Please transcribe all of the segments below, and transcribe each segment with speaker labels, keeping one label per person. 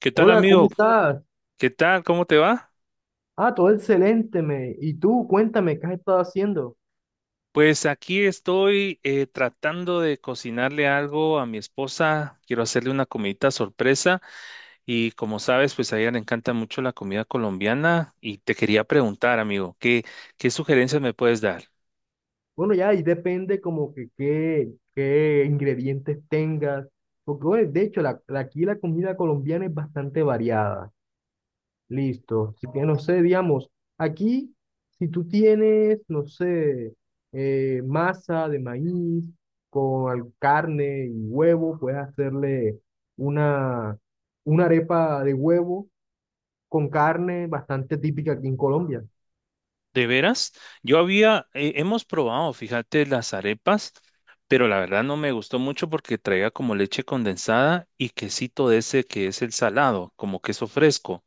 Speaker 1: ¿Qué tal,
Speaker 2: Hola, ¿cómo
Speaker 1: amigo?
Speaker 2: estás?
Speaker 1: ¿Qué tal? ¿Cómo te va?
Speaker 2: Ah, todo excelente, me. Y tú, cuéntame, ¿qué has estado haciendo?
Speaker 1: Pues aquí estoy tratando de cocinarle algo a mi esposa. Quiero hacerle una comidita sorpresa y como sabes, pues a ella le encanta mucho la comida colombiana y te quería preguntar, amigo, ¿qué sugerencias me puedes dar?
Speaker 2: Bueno, ya, ahí depende como que qué ingredientes tengas. Porque, bueno, de hecho, aquí la comida colombiana es bastante variada. Listo. Así que, no sé, digamos, aquí, si tú tienes, no sé, masa de maíz con carne y huevo, puedes hacerle una, una arepa de huevo con carne bastante típica aquí en Colombia.
Speaker 1: ¿De veras? Hemos probado, fíjate, las arepas, pero la verdad no me gustó mucho porque traía como leche condensada y quesito de ese que es el salado, como queso fresco.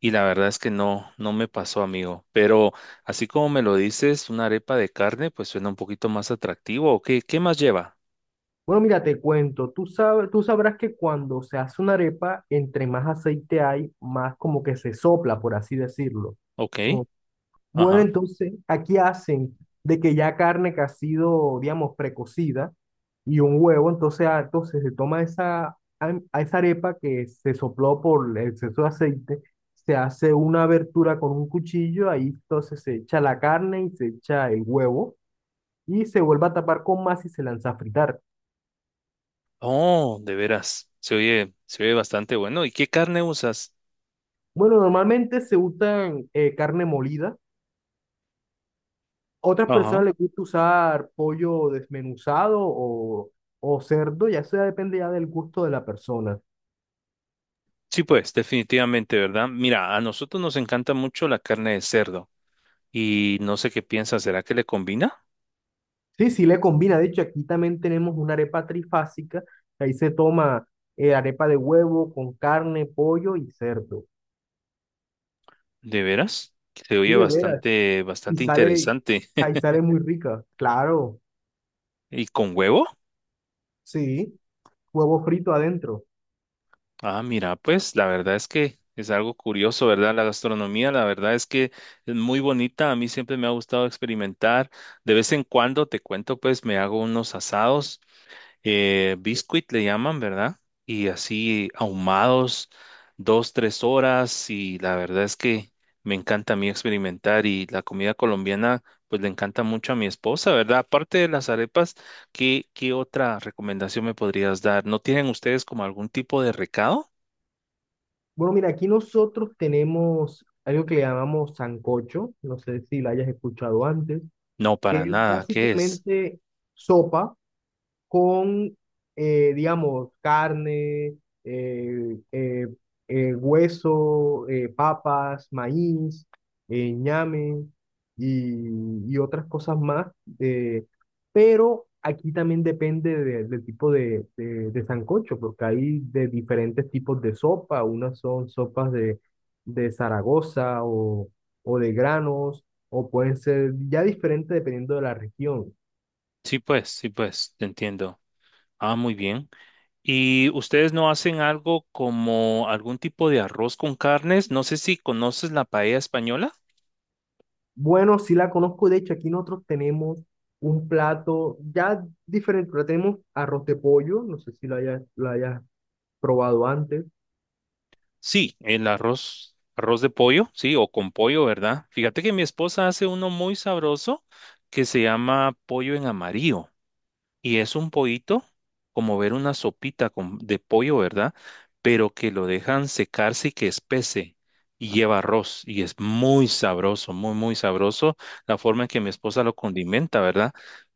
Speaker 1: Y la verdad es que no, no me pasó, amigo. Pero así como me lo dices, una arepa de carne, pues suena un poquito más atractivo. ¿O qué, qué más lleva?
Speaker 2: Bueno, mira, te cuento, tú sabes, tú sabrás que cuando se hace una arepa, entre más aceite hay, más como que se sopla, por así decirlo.
Speaker 1: Ok,
Speaker 2: Oh, bueno,
Speaker 1: ajá.
Speaker 2: entonces aquí hacen de que ya carne que ha sido, digamos, precocida y un huevo, entonces, entonces se toma esa, a esa arepa que se sopló por el exceso de aceite, se hace una abertura con un cuchillo, ahí entonces se echa la carne y se echa el huevo y se vuelve a tapar con más y se lanza a fritar.
Speaker 1: Oh, de veras. Se oye bastante bueno. ¿Y qué carne usas?
Speaker 2: Bueno, normalmente se usan carne molida. Otras
Speaker 1: Ajá.
Speaker 2: personas les gusta usar pollo desmenuzado o cerdo, ya eso ya depende ya del gusto de la persona.
Speaker 1: Sí, pues, definitivamente, ¿verdad? Mira, a nosotros nos encanta mucho la carne de cerdo. Y no sé qué piensas, ¿será que le combina?
Speaker 2: Sí, sí le combina. De hecho, aquí también tenemos una arepa trifásica. Ahí se toma arepa de huevo con carne, pollo y cerdo.
Speaker 1: ¿De veras? Se
Speaker 2: Sí,
Speaker 1: oye
Speaker 2: de veras.
Speaker 1: bastante,
Speaker 2: Y
Speaker 1: bastante
Speaker 2: sale,
Speaker 1: interesante.
Speaker 2: ahí sale muy rica. Claro,
Speaker 1: ¿Y con huevo?
Speaker 2: sí. Huevo frito adentro.
Speaker 1: Ah, mira, pues la verdad es que es algo curioso, ¿verdad? La gastronomía, la verdad es que es muy bonita. A mí siempre me ha gustado experimentar. De vez en cuando, te cuento, pues me hago unos asados, biscuit le llaman, ¿verdad? Y así ahumados, dos, tres horas. Y la verdad es que me encanta a mí experimentar. Y la comida colombiana, pues le encanta mucho a mi esposa, ¿verdad? Aparte de las arepas, ¿qué otra recomendación me podrías dar? ¿No tienen ustedes como algún tipo de recado?
Speaker 2: Bueno, mira, aquí nosotros tenemos algo que le llamamos sancocho, no sé si lo hayas escuchado antes,
Speaker 1: No,
Speaker 2: que
Speaker 1: para
Speaker 2: es
Speaker 1: nada. ¿Qué es?
Speaker 2: básicamente sopa, con, digamos, carne, eh, eh, hueso, papas, maíz, ñame y otras cosas más. eh, pero aquí también depende del tipo de sancocho, porque hay de diferentes tipos de sopa. Unas son sopas de Zaragoza o de granos, o pueden ser ya diferentes dependiendo de la región.
Speaker 1: Sí, pues, te entiendo. Ah, muy bien. ¿Y ustedes no hacen algo como algún tipo de arroz con carnes? No sé si conoces la paella española.
Speaker 2: Bueno, sí la conozco. De hecho, aquí nosotros tenemos un plato ya diferente, pero tenemos arroz de pollo. No sé si lo hayas, lo hayas probado antes.
Speaker 1: Sí, el arroz, arroz de pollo, sí, o con pollo, ¿verdad? Fíjate que mi esposa hace uno muy sabroso que se llama pollo en amarillo. Y es un pollito, como ver una sopita con- de pollo, ¿verdad? Pero que lo dejan secarse y que espese. Y lleva arroz. Y es muy sabroso, muy, muy sabroso la forma en que mi esposa lo condimenta, ¿verdad?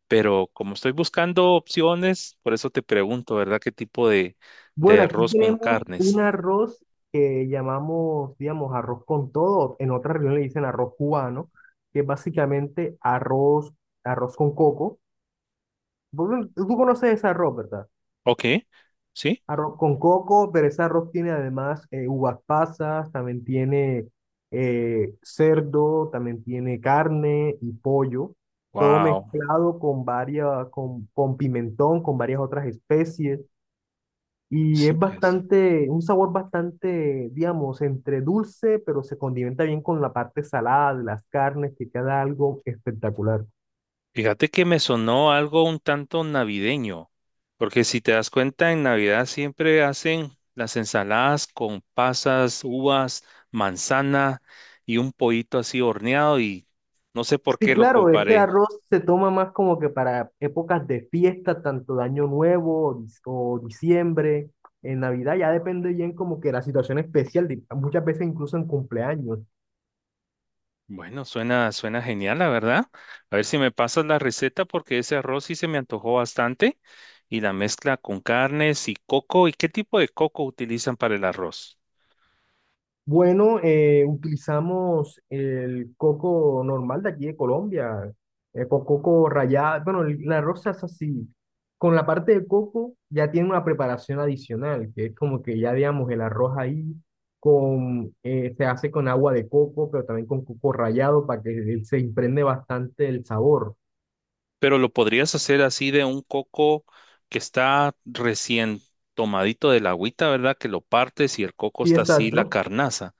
Speaker 1: Pero como estoy buscando opciones, por eso te pregunto, ¿verdad? ¿Qué tipo de
Speaker 2: Bueno, aquí
Speaker 1: arroz con
Speaker 2: tenemos un
Speaker 1: carnes?
Speaker 2: arroz que llamamos, digamos, arroz con todo. En otra región le dicen arroz cubano, que es básicamente arroz, arroz con coco. Tú conoces ese arroz, ¿verdad?
Speaker 1: Ok, sí.
Speaker 2: Arroz con coco, pero ese arroz tiene además uvas pasas, también tiene cerdo, también tiene carne y pollo, todo
Speaker 1: Wow.
Speaker 2: mezclado con varias, con pimentón, con varias otras especies. Y
Speaker 1: Sí,
Speaker 2: es
Speaker 1: pues.
Speaker 2: bastante, un sabor bastante, digamos, entre dulce, pero se condimenta bien con la parte salada de las carnes, que queda algo espectacular.
Speaker 1: Fíjate que me sonó algo un tanto navideño, porque si te das cuenta, en Navidad siempre hacen las ensaladas con pasas, uvas, manzana y un pollito así horneado y no sé por
Speaker 2: Sí,
Speaker 1: qué lo
Speaker 2: claro, este
Speaker 1: comparé.
Speaker 2: arroz se toma más como que para épocas de fiesta, tanto de Año Nuevo o, o diciembre, en Navidad, ya depende bien como que la situación especial, muchas veces incluso en cumpleaños.
Speaker 1: Bueno, suena, suena genial, la verdad. A ver si me pasas la receta porque ese arroz sí se me antojó bastante y la mezcla con carnes y coco. ¿Y qué tipo de coco utilizan para el arroz?
Speaker 2: Bueno, utilizamos el coco normal de aquí de Colombia, con coco rallado, bueno, la rosa es así. Con la parte de coco ya tiene una preparación adicional, que es como que ya digamos el arroz ahí con, se hace con agua de coco, pero también con coco rallado para que él se impregne bastante el sabor.
Speaker 1: Pero lo podrías hacer así de un coco que está recién tomadito de la agüita, ¿verdad? Que lo partes y el coco
Speaker 2: Sí,
Speaker 1: está así, la
Speaker 2: exacto,
Speaker 1: carnaza.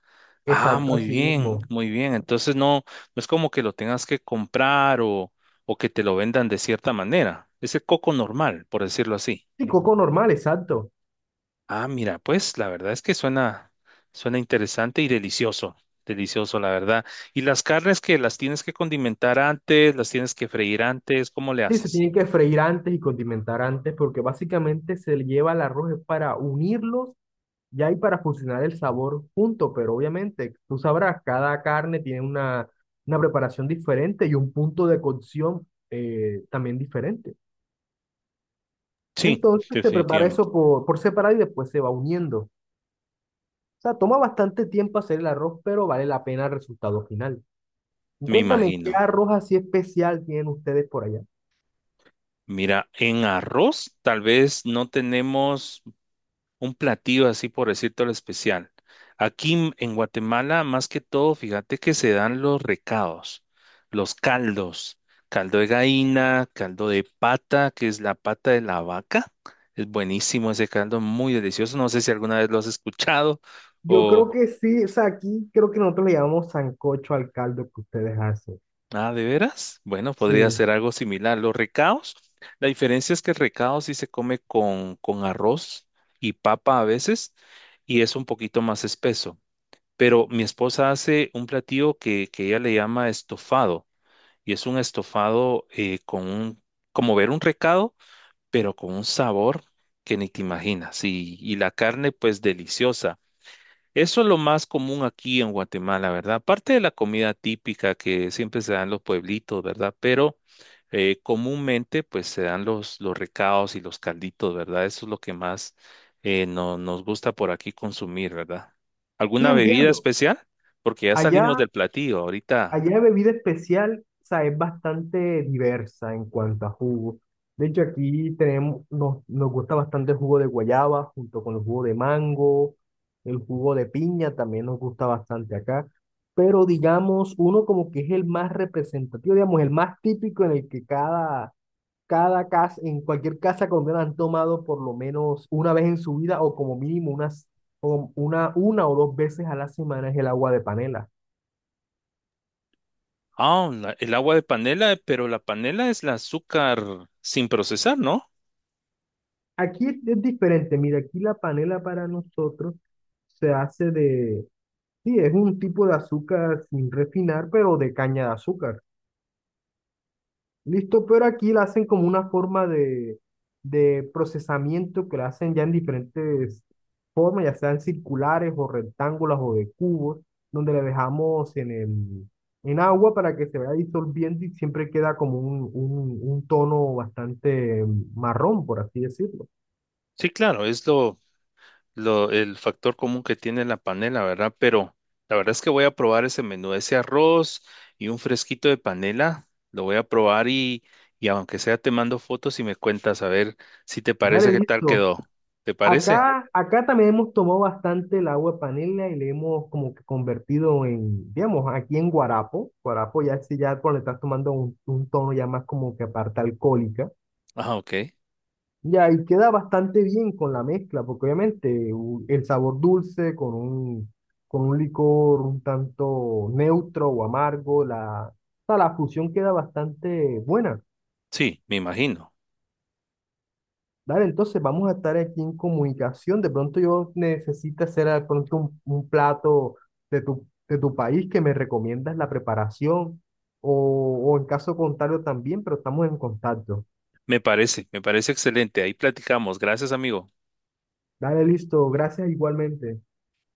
Speaker 1: Ah,
Speaker 2: exacto,
Speaker 1: muy
Speaker 2: así
Speaker 1: bien,
Speaker 2: mismo.
Speaker 1: muy bien. Entonces no, no es como que lo tengas que comprar o que te lo vendan de cierta manera. Es el coco normal, por decirlo así.
Speaker 2: Sí, coco normal, exacto.
Speaker 1: Ah, mira, pues la verdad es que suena, suena interesante y delicioso. Delicioso, la verdad. ¿Y las carnes que las tienes que condimentar antes, las tienes que freír antes? ¿Cómo le
Speaker 2: Sí, se
Speaker 1: haces?
Speaker 2: tienen que freír antes y condimentar antes porque básicamente se le lleva el arroz es para unirlos ya y para fusionar el sabor junto, pero obviamente tú sabrás, cada carne tiene una preparación diferente y un punto de cocción también diferente.
Speaker 1: Sí,
Speaker 2: Entonces se prepara
Speaker 1: definitivamente.
Speaker 2: eso por separado y después se va uniendo. O sea, toma bastante tiempo hacer el arroz, pero vale la pena el resultado final. Y
Speaker 1: Me
Speaker 2: cuéntame, ¿qué
Speaker 1: imagino.
Speaker 2: arroz así especial tienen ustedes por allá?
Speaker 1: Mira, en arroz tal vez no tenemos un platillo así por decirte lo especial. Aquí en Guatemala, más que todo, fíjate que se dan los recados, los caldos, caldo de gallina, caldo de pata, que es la pata de la vaca. Es buenísimo ese caldo, muy delicioso. No sé si alguna vez lo has escuchado
Speaker 2: Yo creo
Speaker 1: o...
Speaker 2: que sí, o sea, aquí creo que nosotros le llamamos sancocho al caldo que ustedes hacen.
Speaker 1: Ah, ¿de veras? Bueno, podría
Speaker 2: Sí,
Speaker 1: ser algo similar. Los recados, la diferencia es que el recado sí se come con arroz y papa a veces y es un poquito más espeso. Pero mi esposa hace un platillo que ella le llama estofado y es un estofado con un, como ver un recado, pero con un sabor que ni te imaginas y la carne pues deliciosa. Eso es lo más común aquí en Guatemala, ¿verdad? Aparte de la comida típica que siempre se dan los pueblitos, ¿verdad? Pero comúnmente pues se dan los recados y los calditos, ¿verdad? Eso es lo que más no- nos gusta por aquí consumir, ¿verdad?
Speaker 2: sí
Speaker 1: ¿Alguna bebida
Speaker 2: entiendo.
Speaker 1: especial? Porque ya salimos
Speaker 2: Allá,
Speaker 1: del platillo ahorita.
Speaker 2: allá de bebida especial, o sea, es bastante diversa en cuanto a jugo. De hecho, aquí tenemos, nos, nos gusta bastante el jugo de guayaba junto con el jugo de mango, el jugo de piña también nos gusta bastante acá. Pero digamos, uno como que es el más representativo, digamos, el más típico en el que cada casa, en cualquier casa colombiana han tomado por lo menos una vez en su vida o como mínimo unas, o una o dos veces a la semana es el agua de panela.
Speaker 1: Ah, la- el agua de panela, pero la panela es el azúcar sin procesar, ¿no?
Speaker 2: Aquí es diferente, mira, aquí la panela para nosotros se hace de, sí, es un tipo de azúcar sin refinar, pero de caña de azúcar. Listo, pero aquí la hacen como una forma de procesamiento que la hacen ya en diferentes formas, ya sean circulares o rectángulos o de cubos, donde le dejamos en el, en agua para que se vaya disolviendo y siempre queda como un tono bastante marrón, por así decirlo.
Speaker 1: Sí, claro, es lo, el factor común que tiene la panela, ¿verdad? Pero la verdad es que voy a probar ese menú, ese arroz y un fresquito de panela, lo voy a probar y aunque sea te mando fotos y me cuentas a ver si te parece
Speaker 2: Dale,
Speaker 1: qué tal
Speaker 2: listo.
Speaker 1: quedó. ¿Te parece?
Speaker 2: Acá, acá también hemos tomado bastante el agua de panela y le hemos como que convertido en, digamos, aquí en guarapo. Guarapo ya si ya cuando le estás tomando un tono ya más como que aparte alcohólica.
Speaker 1: Ah, ok.
Speaker 2: Ya, y queda bastante bien con la mezcla, porque obviamente el sabor dulce con un licor un tanto neutro o amargo, la, o sea, la fusión queda bastante buena.
Speaker 1: Sí, me imagino.
Speaker 2: Dale, entonces vamos a estar aquí en comunicación. De pronto yo necesito hacer de pronto un plato de tu país que me recomiendas la preparación o, o en caso contrario también, pero estamos en contacto.
Speaker 1: Me parece excelente. Ahí platicamos. Gracias, amigo.
Speaker 2: Dale, listo. Gracias igualmente.